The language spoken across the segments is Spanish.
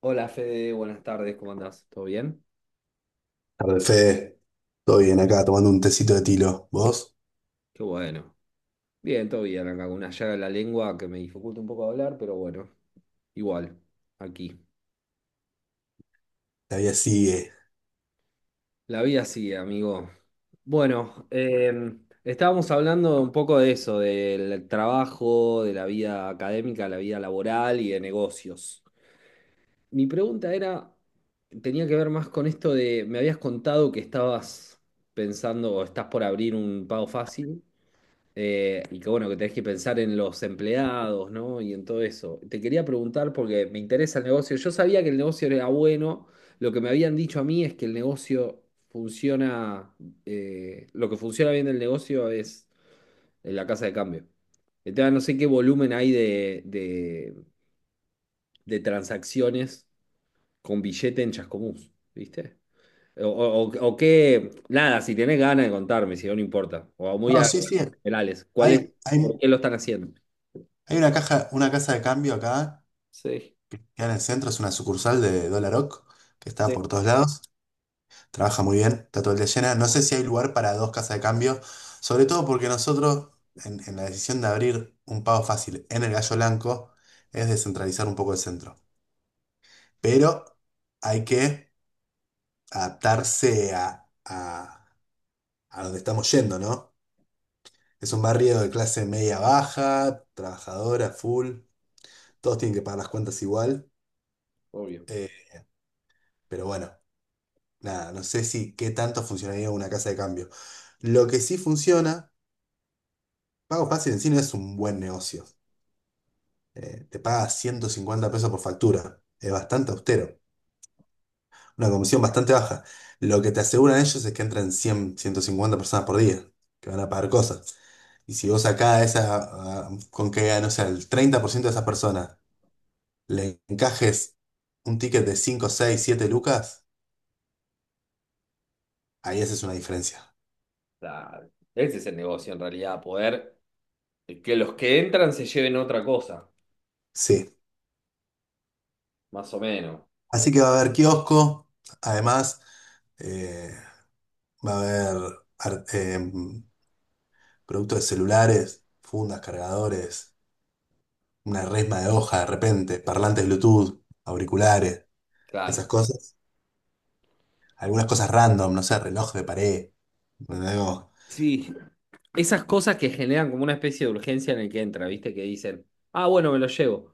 Hola Fede, buenas tardes, ¿cómo andás? ¿Todo bien? Tarde, Fede. Todo bien acá, tomando un tecito de tilo. ¿Vos? Qué bueno. Bien, todo bien, acá con una llaga en la lengua que me dificulta un poco hablar, pero bueno, igual, aquí. Todavía sigue. La vida sigue, amigo. Bueno, estábamos hablando un poco de eso, del trabajo, de la vida académica, la vida laboral y de negocios. Mi pregunta era, tenía que ver más con esto de, me habías contado que estabas pensando o estás por abrir un pago fácil. Y que bueno, que tenés que pensar en los empleados, ¿no? Y en todo eso. Te quería preguntar porque me interesa el negocio. Yo sabía que el negocio era bueno. Lo que me habían dicho a mí es que el negocio funciona, lo que funciona bien del negocio es en la casa de cambio. Entonces, no sé qué volumen hay de transacciones con billete en Chascomús, ¿viste? O qué, nada, si tenés ganas de contarme, si no, no importa. O muy No, a sí, sí. generales, ¿cuál es, Hay, por hay, qué lo están haciendo? hay una caja, una casa de cambio acá, Sí, que en el centro es una sucursal de Dollar Oak, que está sí, por todos lados. Trabaja muy bien, está todo el día llena. No sé si hay lugar para dos casas de cambio, sobre todo porque nosotros, en la decisión de abrir un pago fácil en el Gallo Blanco, es descentralizar un poco el centro. Pero hay que adaptarse a donde estamos yendo, ¿no? Es un barrio de clase media baja, trabajadora, full. Todos tienen que pagar las cuentas igual. obvio. eh, pero bueno, nada, no sé si qué tanto funcionaría una casa de cambio. Lo que sí funciona, Pago Fácil en sí no es un buen negocio. Te paga 150 pesos por factura. Es bastante austero. Una comisión bastante baja. Lo que te aseguran ellos es que entran 100, 150 personas por día, que van a pagar cosas. Y si vos sacás esa, con que, no sé, el 30% de esas personas le encajes un ticket de 5 6 7 lucas, ahí esa es una diferencia. Claro. Ese es el negocio en realidad, poder que los que entran se lleven otra cosa, Sí. más o menos. Eh, Así que va a haber kiosco, además eh, va a haber ar- em, productos de celulares, fundas, cargadores, una resma de hoja de repente, parlantes Bluetooth, auriculares, esas claro. cosas. Algunas cosas random, no sé, reloj de pared. Algo. Sí, esas cosas que generan como una especie de urgencia en el que entra, ¿viste? Que dicen, ah, bueno, me lo llevo.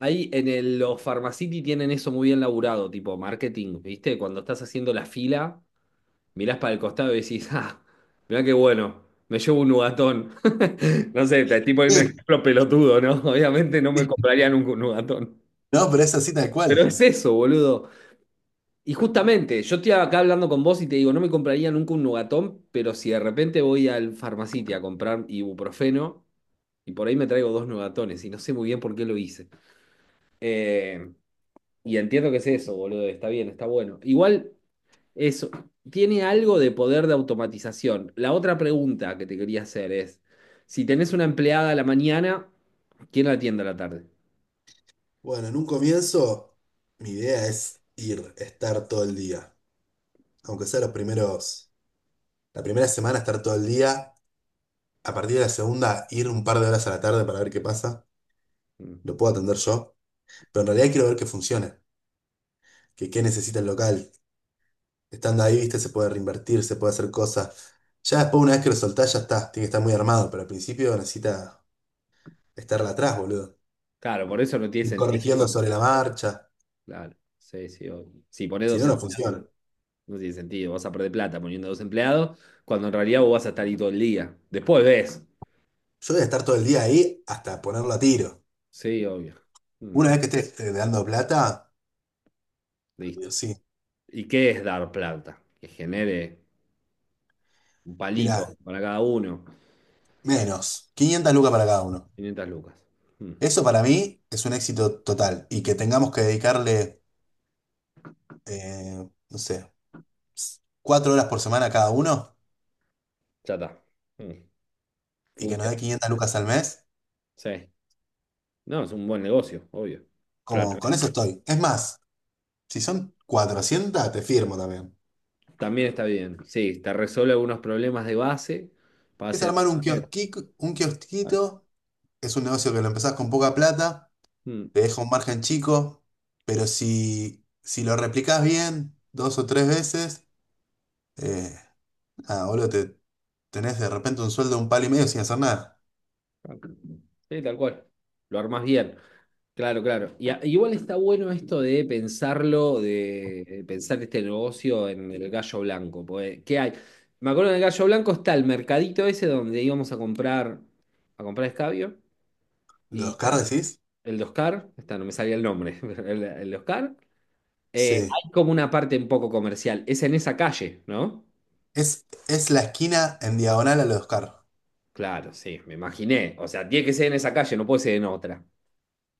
Ahí en los Pharmacity tienen eso muy bien laburado, tipo marketing, ¿viste? Cuando estás haciendo la fila. Mirás para el costado y decís, ah, mirá qué bueno, me llevo un nugatón. No sé, te estoy poniendo un ejemplo pelotudo, ¿no? Obviamente no me compraría nunca un nugatón. No, pero es así tal cual. Pero es eso, boludo. Y justamente, yo estoy acá hablando con vos y te digo, no me compraría nunca un nugatón, pero si de repente voy al farmacite a comprar ibuprofeno, y por ahí me traigo dos nugatones, y no sé muy bien por qué lo hice. Eh, y entiendo que es eso, boludo, está bien, está bueno. Igual. Eso, tiene algo de poder de automatización. La otra pregunta que te quería hacer es, si tenés una empleada a la mañana, ¿quién la atiende a la tarde? Bueno, en un comienzo, mi idea es ir, estar todo el día. Aunque sea los primeros, la primera semana estar todo el día, a partir de la segunda ir un par de horas a la tarde para ver qué pasa, Mm. lo puedo atender yo, pero en realidad quiero ver que funcione, que qué necesita el local, estando ahí, viste, se puede reinvertir, se puede hacer cosas, ya después una vez que lo soltás ya está, tiene que estar muy armado, pero al principio necesita estarla atrás, boludo, Claro, por eso no tiene ir sentido. corrigiendo Bueno, sobre la marcha, claro, sí, sí. Obvio. Si ponés si dos no, no empleados, funciona. no tiene sentido. Vas a perder plata poniendo dos empleados, cuando en realidad vos vas a estar ahí todo el día. Después ves. Yo voy a estar todo el día ahí hasta ponerlo a tiro. Sí, obvio. Mm, Una vez que esté dando plata, listo. digo, sí, ¿Y qué es dar plata? Que genere un mira, palito para cada uno. menos, 500 lucas para cada uno. 500 lucas. Mm, Eso para mí es un éxito total y que tengamos que dedicarle, no sé, cuatro horas por semana a cada uno ya está. Mm, y que nos dé funciona. 500 lucas al mes, Sí, no, es un buen negocio, obvio. Claro. como con eso estoy. Es más, si son 400, te firmo también. También está bien. Sí, te resuelve algunos problemas de base para Es hacer. armar un kiosquito, es un negocio que lo empezás con poca plata, Mm. te deja un margen chico, pero si lo replicás bien dos o tres veces, eh, nada, boludo, te tenés de repente un sueldo de un palo y medio sin hacer nada. Ok. Sí, tal cual. Lo armás bien. Claro, claro. Igual está bueno esto de pensarlo, de pensar este negocio en el gallo blanco. Porque, ¿qué hay? Me acuerdo en el gallo blanco está el mercadito ese donde íbamos a comprar escabio ¿Los y car y decís? el de Oscar, está, no me salía el nombre. El de Oscar. Sí, Hay como una parte un poco comercial. Es en esa calle, ¿no? Es la esquina en diagonal al Oscar. Claro, sí, me imaginé. O sea, tiene que ser en esa calle, no puede ser en otra.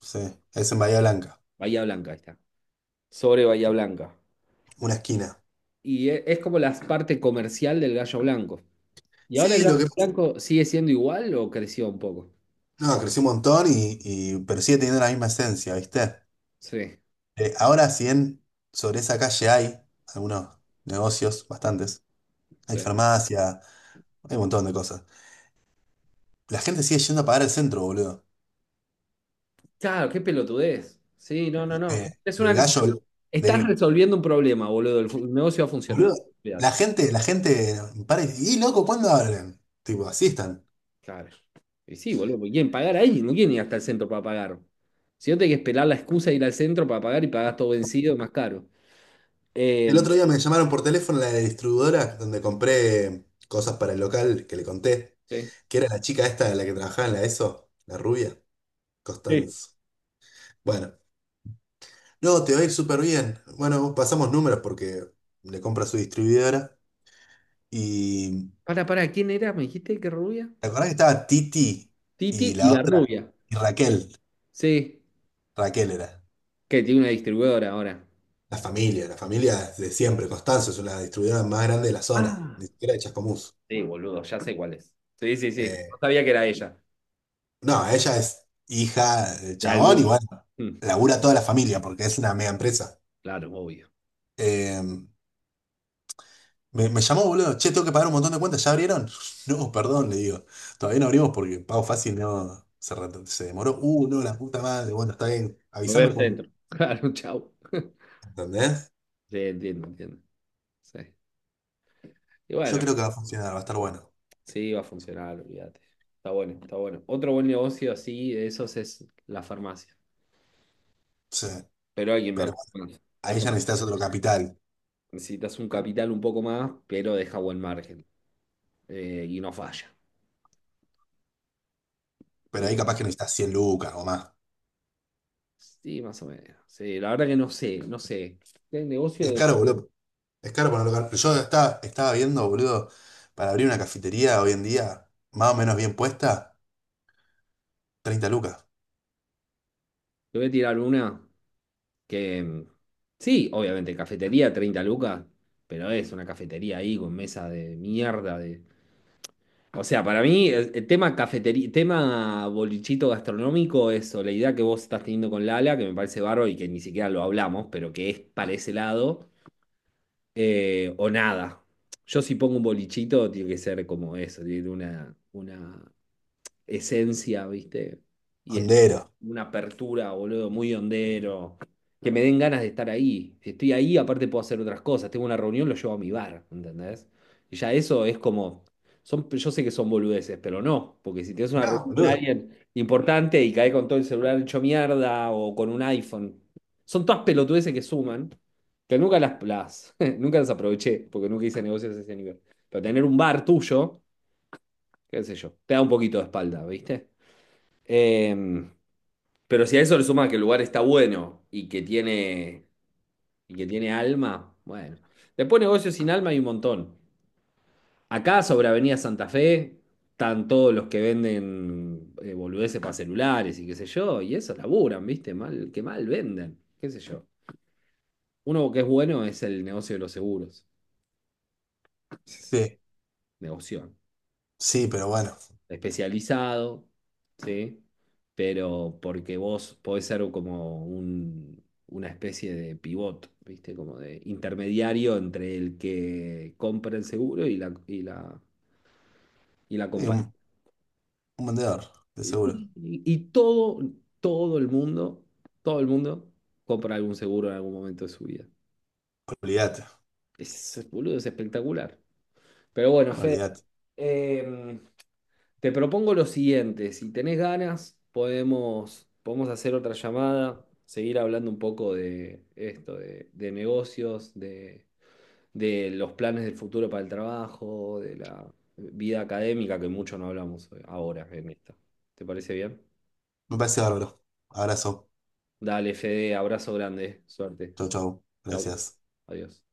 Sí, es en Bahía Blanca, Bahía Blanca, ahí está. Sobre Bahía Blanca. una esquina. Y es como la parte comercial del Gallo Blanco. ¿Y ahora el Sí, lo Gallo que pasa, Blanco sigue siendo igual o creció un poco? no, creció un montón pero sigue teniendo la misma esencia, ¿viste? Sí, Ahora, si bien sobre esa calle hay algunos negocios, bastantes, hay sí. farmacia, hay un montón de cosas. La gente sigue yendo a pagar el centro, boludo. Claro, qué pelotudez. Sí, no, no, no. Eh, Es Del una... gallo, Estás del, resolviendo un problema, boludo. El negocio va a funcionar. boludo. Olvidar. La gente para y, "Y, loco, ¿cuándo abren?". Tipo, así están. Claro. Y sí, boludo, porque quieren pagar ahí, no quieren ir hasta el centro para pagar. Si no tenés que esperar la excusa de ir al centro para pagar y pagás todo vencido, más caro. El Eh, otro día me llamaron por teléfono la distribuidora donde compré cosas para el local que le conté, sí. que era la chica esta, la que trabajaba en la ESO, la rubia, Sí. Costanzo. Bueno, no, te va a ir súper bien. Bueno, pasamos números porque le compro su distribuidora. Y Para, ¿quién era? ¿Me dijiste que rubia? ¿te acordás que estaba Titi y Titi y la la otra? rubia. Y Raquel, Sí, Raquel era. que tiene una distribuidora ahora. La familia de siempre. Costanzo es una distribuidora más grande de la zona, Ah, ni siquiera de Chascomús. sí, boludo, ya sé cuál es. Sí, sí, sí. No Eh, sabía que era ella. No, ella es hija del De chabón y algún. sí. Bueno, Mm, labura toda la familia porque es una mega empresa. claro, obvio. Eh, me llamó, boludo, che, tengo que pagar un montón de cuentas, ¿ya abrieron? No, perdón, le digo, todavía no abrimos porque pago fácil no se, re- se demoró. No, la puta madre, bueno, está bien, Lo voy avísame al cuando. centro. Claro, chau. ¿Entendés? Sí, entiendo, entiendo. Sí. Y Yo bueno, creo que va a funcionar, va a estar bueno. sí, va a funcionar, olvídate. Está bueno, está bueno. Otro buen negocio así de esos es la farmacia. Sí, Pero hay que pero invertir más. a Es ella bueno, necesitas otro capital, necesitas un capital un poco más, pero deja buen margen. Y no falla. Y pero no- ahí capaz que necesitas 100 lucas o más. sí, más o menos. Sí, la verdad que no sé, no sé. El negocio Es de... caro, boludo. Es caro para un local. Estaba viendo, boludo, para abrir una cafetería hoy en día, más o menos bien puesta, 30 lucas. Te voy a tirar una que... Mm, sí, obviamente, cafetería, 30 lucas, pero es una cafetería ahí con mesa de mierda, de. O sea, para mí, el tema cafetería, tema bolichito gastronómico, eso, la idea que vos estás teniendo con Lala, que me parece bárbaro y que ni siquiera lo hablamos, pero que es para ese lado, o nada. Yo si pongo un bolichito, tiene que ser como eso, tiene una esencia, ¿viste? Y es Hondero. una apertura, boludo, muy hondero. Que me den ganas de estar ahí. Si estoy ahí, aparte puedo hacer otras cosas. Tengo una reunión, lo llevo a mi bar, ¿entendés? Y ya eso es como. Son, yo sé que son boludeces, pero no. Porque si tienes una No, reunión con boludo. alguien importante y caes con todo el celular hecho mierda o con un iPhone. Son todas pelotudeces que suman. Que nunca nunca las aproveché, porque nunca hice negocios a ese nivel. Pero tener un bar tuyo, qué sé yo, te da un poquito de espalda, ¿viste? Em, pero si a eso le suma que el lugar está bueno y que tiene alma, bueno. Después negocios sin alma hay un montón. Acá sobre Avenida Santa Fe están todos los que venden boludeces para celulares y qué sé yo, y eso laburan, ¿viste? Mal, que mal venden, qué sé yo. Uno que es bueno es el negocio de los seguros. Sí. Negocio. Sí, pero bueno. Especializado, ¿sí? Pero porque vos podés ser como una especie de pivot, ¿viste? Como de intermediario entre el que compra el seguro y la Sí, compañía. Un vendedor, de Sí, seguro. Y todo el mundo, todo el mundo compra algún seguro en algún momento de su vida. Olvídate, Es, boludo, es espectacular. Pero bueno, Fede, olvídate. em, te propongo lo siguiente, si tenés ganas, podemos hacer otra llamada, seguir hablando un poco de esto, de negocios, de los planes del futuro para el trabajo, de la vida académica, que mucho no hablamos ahora en esta. ¿Te parece bien? Me parece bárbaro. Abrazo. Dale, Fede, abrazo grande, suerte. Chau, chau. Chau, Gracias. adiós.